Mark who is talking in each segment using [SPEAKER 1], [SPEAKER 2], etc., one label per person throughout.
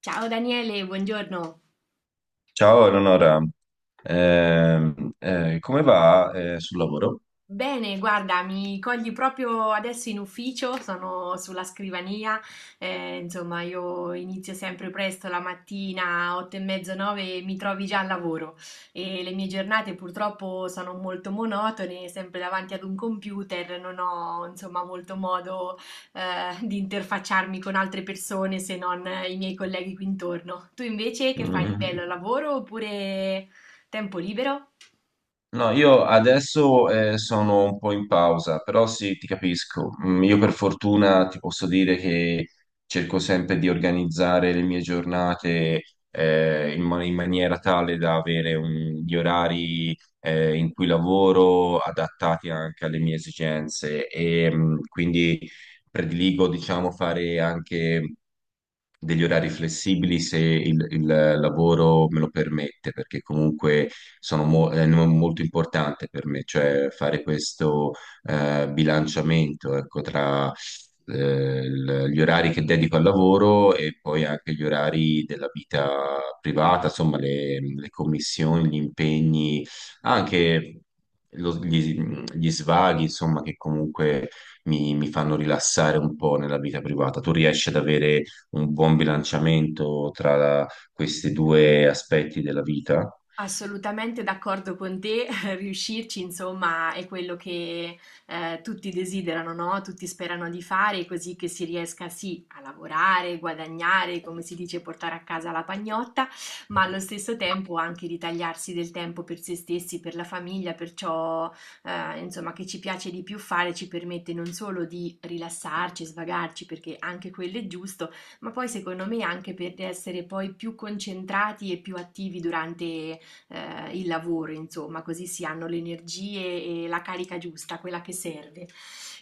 [SPEAKER 1] Ciao Daniele, buongiorno.
[SPEAKER 2] Ciao Eleonora. Come va sul lavoro?
[SPEAKER 1] Bene, guarda, mi cogli proprio adesso in ufficio, sono sulla scrivania, insomma io inizio sempre presto la mattina, 8 e mezzo, 9 e mi trovi già al lavoro e le mie giornate purtroppo sono molto monotone, sempre davanti ad un computer, non ho insomma molto modo di interfacciarmi con altre persone se non i miei colleghi qui intorno. Tu invece che fai di
[SPEAKER 2] Mm.
[SPEAKER 1] bello, lavoro oppure tempo libero?
[SPEAKER 2] No, io adesso sono un po' in pausa, però sì, ti capisco. Mm, io per fortuna ti posso dire che cerco sempre di organizzare le mie giornate in maniera tale da avere gli orari in cui lavoro adattati anche alle mie esigenze e quindi prediligo, diciamo, fare anche degli orari flessibili se il lavoro me lo permette, perché comunque sono mo- è no- molto importante per me, cioè fare questo bilanciamento, ecco, tra gli orari che dedico al lavoro e poi anche gli orari della vita privata, insomma, le commissioni, gli impegni, anche lo- gli, gli svaghi, insomma, che comunque mi fanno rilassare un po' nella vita privata. Tu riesci ad avere un buon bilanciamento tra questi due aspetti della vita.
[SPEAKER 1] Assolutamente d'accordo con te, riuscirci insomma è quello che tutti desiderano, no? Tutti sperano di fare, così che si riesca sì a lavorare, guadagnare, come si dice, portare a casa la pagnotta, ma allo stesso tempo anche ritagliarsi del tempo per se stessi, per la famiglia, per ciò insomma che ci piace di più fare, ci permette non solo di rilassarci, svagarci, perché anche quello è giusto, ma poi secondo me anche per essere poi più concentrati e più attivi durante il lavoro, insomma, così si hanno le energie e la carica giusta, quella che serve.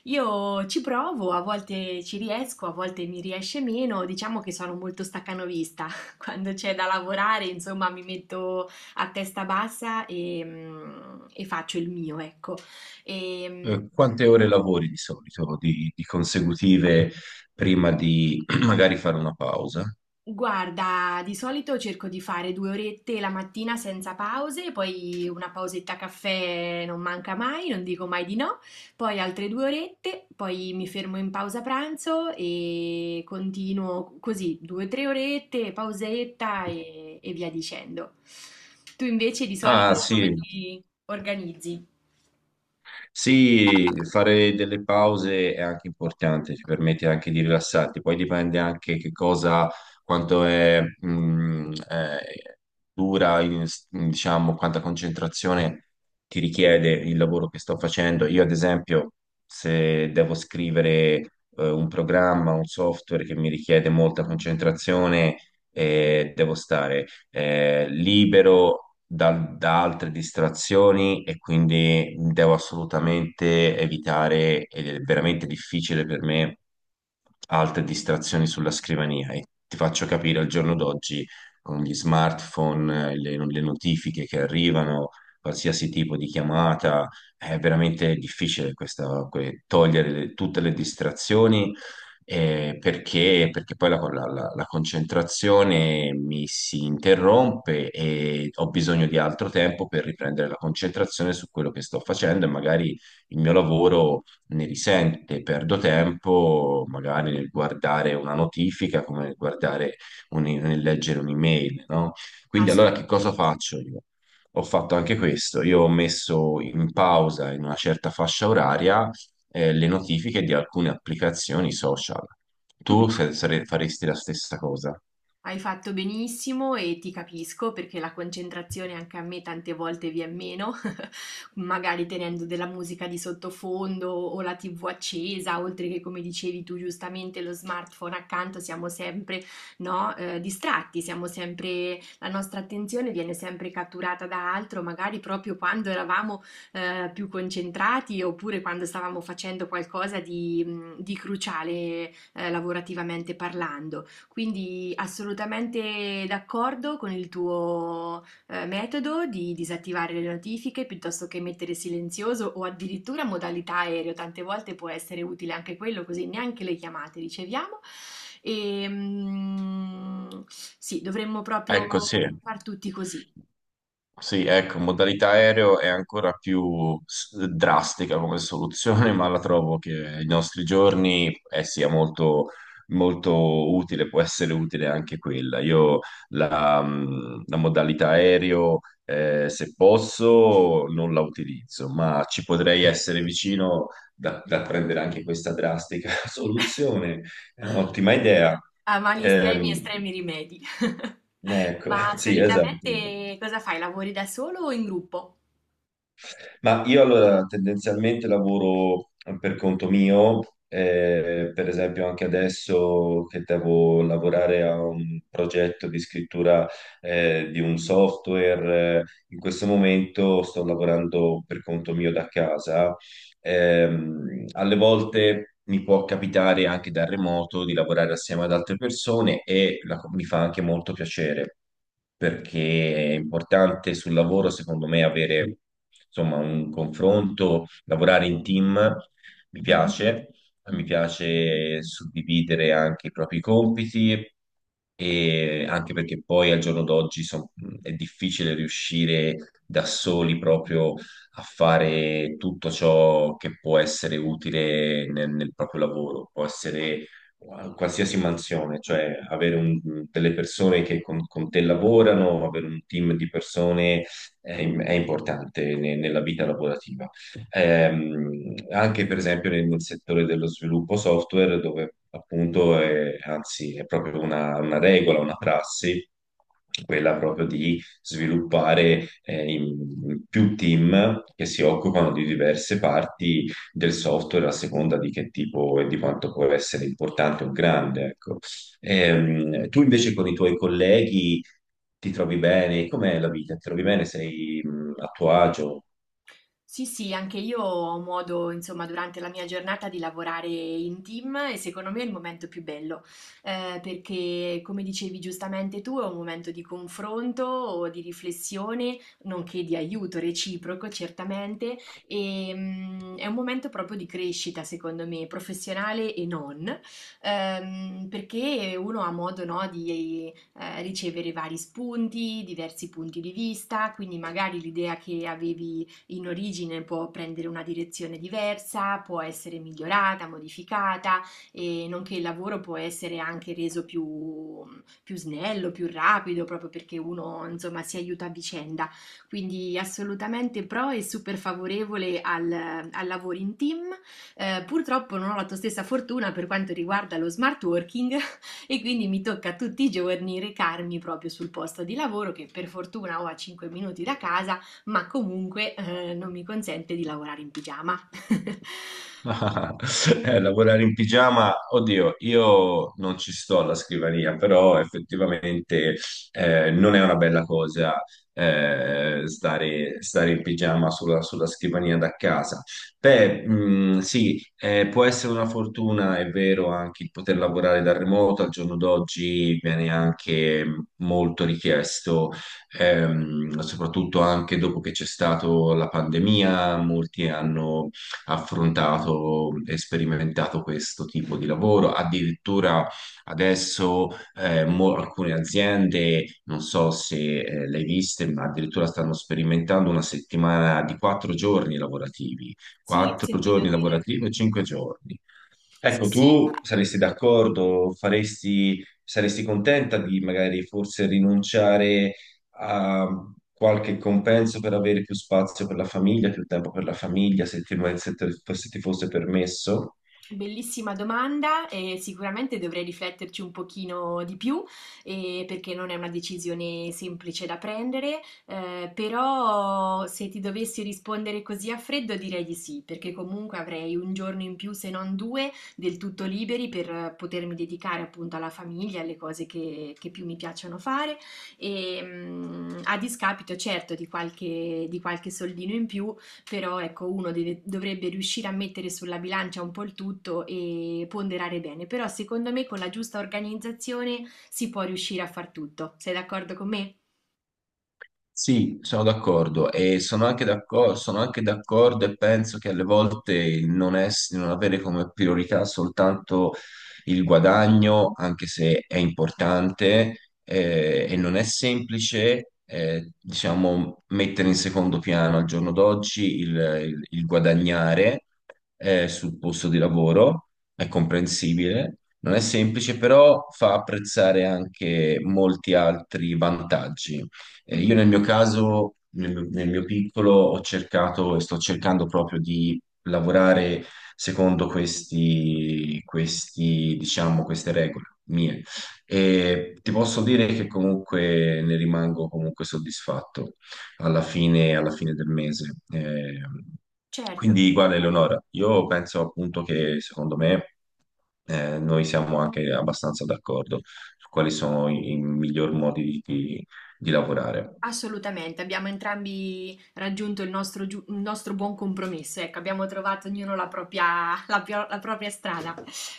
[SPEAKER 1] Io ci provo, a volte ci riesco, a volte mi riesce meno, diciamo che sono molto staccanovista, quando c'è da lavorare, insomma, mi metto a testa bassa e faccio il mio, ecco. E, mm,
[SPEAKER 2] Quante ore lavori di solito, di consecutive, prima di magari fare una pausa?
[SPEAKER 1] Guarda, di solito cerco di fare due orette la mattina senza pause, poi una pausetta caffè non manca mai, non dico mai di no, poi altre due orette, poi mi fermo in pausa pranzo e continuo così, due o tre orette, pausetta e via dicendo. Tu invece di
[SPEAKER 2] Ah,
[SPEAKER 1] solito come
[SPEAKER 2] sì.
[SPEAKER 1] ti organizzi?
[SPEAKER 2] Sì, fare delle pause è anche importante, ci permette anche di rilassarti, poi dipende anche che cosa, quanto è, dura, diciamo, quanta concentrazione ti richiede il lavoro che sto facendo. Io, ad esempio, se devo scrivere, un programma, un software che mi richiede molta concentrazione, devo stare libero da altre distrazioni e quindi devo assolutamente evitare, ed è veramente difficile per me, altre distrazioni sulla scrivania. E ti faccio capire al giorno d'oggi con gli smartphone, le notifiche che arrivano, qualsiasi tipo di chiamata, è veramente difficile togliere tutte le distrazioni perché poi la concentrazione mi si interrompe e ho bisogno di altro tempo per riprendere la concentrazione su quello che sto facendo e magari il mio lavoro ne risente, perdo tempo magari nel guardare una notifica come nel guardare nel leggere un'email, no?
[SPEAKER 1] Ah,
[SPEAKER 2] Quindi
[SPEAKER 1] sì.
[SPEAKER 2] allora che cosa faccio io? Ho fatto anche questo, io ho messo in pausa in una certa fascia oraria le notifiche di alcune applicazioni social. Tu faresti la stessa cosa?
[SPEAKER 1] Hai fatto benissimo e ti capisco perché la concentrazione anche a me tante volte viene meno, magari tenendo della musica di sottofondo o la TV accesa, oltre che come dicevi tu giustamente lo smartphone accanto, siamo sempre, no, distratti, siamo sempre, la nostra attenzione viene sempre catturata da altro, magari proprio quando eravamo più concentrati oppure quando stavamo facendo qualcosa di cruciale lavorativamente parlando. Quindi assolutamente d'accordo con il tuo metodo di disattivare le notifiche piuttosto che mettere silenzioso o addirittura modalità aereo. Tante volte può essere utile anche quello, così neanche le chiamate riceviamo. E, mm, sì, dovremmo
[SPEAKER 2] Ecco, sì.
[SPEAKER 1] proprio far tutti così,
[SPEAKER 2] Sì, ecco, modalità aereo è ancora più drastica come soluzione, ma la trovo che ai nostri giorni sia molto, molto utile, può essere utile anche quella. Io la modalità aereo, se posso, non la utilizzo, ma ci potrei essere vicino da prendere anche questa drastica soluzione. È un'ottima idea.
[SPEAKER 1] a mali estremi,
[SPEAKER 2] Ehm,
[SPEAKER 1] estremi rimedi.
[SPEAKER 2] ecco,
[SPEAKER 1] Ma
[SPEAKER 2] sì, esatto.
[SPEAKER 1] solitamente cosa fai? Lavori da solo o in gruppo?
[SPEAKER 2] Ma io allora tendenzialmente lavoro per conto mio, per esempio anche adesso che devo lavorare a un progetto di scrittura di un software, in questo momento sto lavorando per conto mio da casa. Alle volte mi può capitare anche da remoto di lavorare assieme ad altre persone e mi fa anche molto piacere perché è importante sul lavoro, secondo me, avere insomma un confronto, lavorare in team, mi piace, mi piace suddividere anche i propri compiti. E anche perché poi al giorno d'oggi è difficile riuscire da soli proprio a fare tutto ciò che può essere utile nel proprio lavoro, può essere qualsiasi mansione, cioè avere delle persone che con te lavorano, avere un team di persone è importante nella vita lavorativa. Anche per esempio nel settore dello sviluppo software, dove appunto è, anzi è proprio una regola, una prassi, quella proprio di sviluppare in più team che si occupano di diverse parti del software a seconda di che tipo e di quanto può essere importante o grande, ecco. Tu invece con i tuoi colleghi ti trovi bene? Com'è la vita? Ti trovi bene? Sei a tuo agio?
[SPEAKER 1] Sì, sì, anche io ho modo, insomma, durante la mia giornata di lavorare in team e secondo me è il momento più bello, perché come dicevi giustamente tu, è un momento di confronto o di riflessione, nonché di aiuto reciproco, certamente, è un momento proprio di crescita, secondo me, professionale e non, perché uno ha modo, no, di ricevere vari spunti, diversi punti di vista, quindi magari l'idea che avevi in origine può prendere una direzione diversa, può essere migliorata, modificata, e nonché il lavoro può essere anche reso più, più snello, più rapido, proprio perché uno insomma si aiuta a vicenda. Quindi assolutamente pro e super favorevole al, al lavoro in team. Purtroppo non ho la tua stessa fortuna per quanto riguarda lo smart working e quindi mi tocca tutti i giorni recarmi proprio sul posto di lavoro che per fortuna ho a 5 minuti da casa ma comunque, non mi consente di lavorare in pigiama. Quindi
[SPEAKER 2] Lavorare in pigiama, oddio, io non ci sto alla scrivania, però effettivamente non è una bella cosa eh, stare in pigiama sulla scrivania da casa. Beh, sì, può essere una fortuna, è vero, anche il poter lavorare da remoto, al giorno d'oggi viene anche molto richiesto, soprattutto anche dopo che c'è stata la pandemia, molti hanno affrontato e sperimentato questo tipo di lavoro. Addirittura adesso alcune aziende, non so se le hai viste, ma addirittura stanno sperimentando una settimana di 4 giorni lavorativi,
[SPEAKER 1] sì, ho
[SPEAKER 2] quattro
[SPEAKER 1] sentito
[SPEAKER 2] giorni
[SPEAKER 1] dire.
[SPEAKER 2] lavorativi e 5 giorni.
[SPEAKER 1] Sì,
[SPEAKER 2] Ecco,
[SPEAKER 1] sì, ma
[SPEAKER 2] tu saresti d'accordo, faresti, saresti contenta di magari forse rinunciare a qualche compenso per avere più spazio per la famiglia, più tempo per la famiglia, se ti fosse permesso?
[SPEAKER 1] bellissima domanda e sicuramente dovrei rifletterci un pochino di più, perché non è una decisione semplice da prendere, però se ti dovessi rispondere così a freddo direi di sì, perché comunque avrei un giorno in più, se non due, del tutto liberi per potermi dedicare appunto alla famiglia, alle cose che più mi piacciono fare, a discapito certo di qualche soldino in più però ecco, dovrebbe riuscire a mettere sulla bilancia un po' il tutto e ponderare bene. Però secondo me con la giusta organizzazione si può riuscire a far tutto. Sei d'accordo con me?
[SPEAKER 2] Sì, sono d'accordo e sono anche d'accordo e penso che alle volte il non avere come priorità soltanto il guadagno, anche se è importante e non è semplice, diciamo, mettere in secondo piano al giorno d'oggi il guadagnare sul posto di lavoro, è comprensibile. Non è semplice, però fa apprezzare anche molti altri vantaggi. Io
[SPEAKER 1] Mhm.
[SPEAKER 2] nel mio caso, nel mio piccolo, ho cercato e sto cercando proprio di lavorare secondo diciamo, queste regole mie. E ti posso dire che comunque ne rimango comunque soddisfatto alla fine del mese.
[SPEAKER 1] Certo,
[SPEAKER 2] Quindi, guarda, Eleonora, io penso appunto che secondo me noi siamo anche abbastanza d'accordo su quali sono i miglior modi di lavorare.
[SPEAKER 1] assolutamente. Abbiamo entrambi raggiunto il nostro buon compromesso. Ecco, abbiamo trovato ognuno la propria, la propria strada.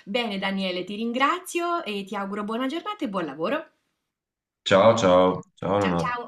[SPEAKER 1] Bene, Daniele, ti ringrazio e ti auguro buona giornata e buon lavoro.
[SPEAKER 2] Ciao, ciao, ciao
[SPEAKER 1] Ciao
[SPEAKER 2] Leonardo.
[SPEAKER 1] ciao!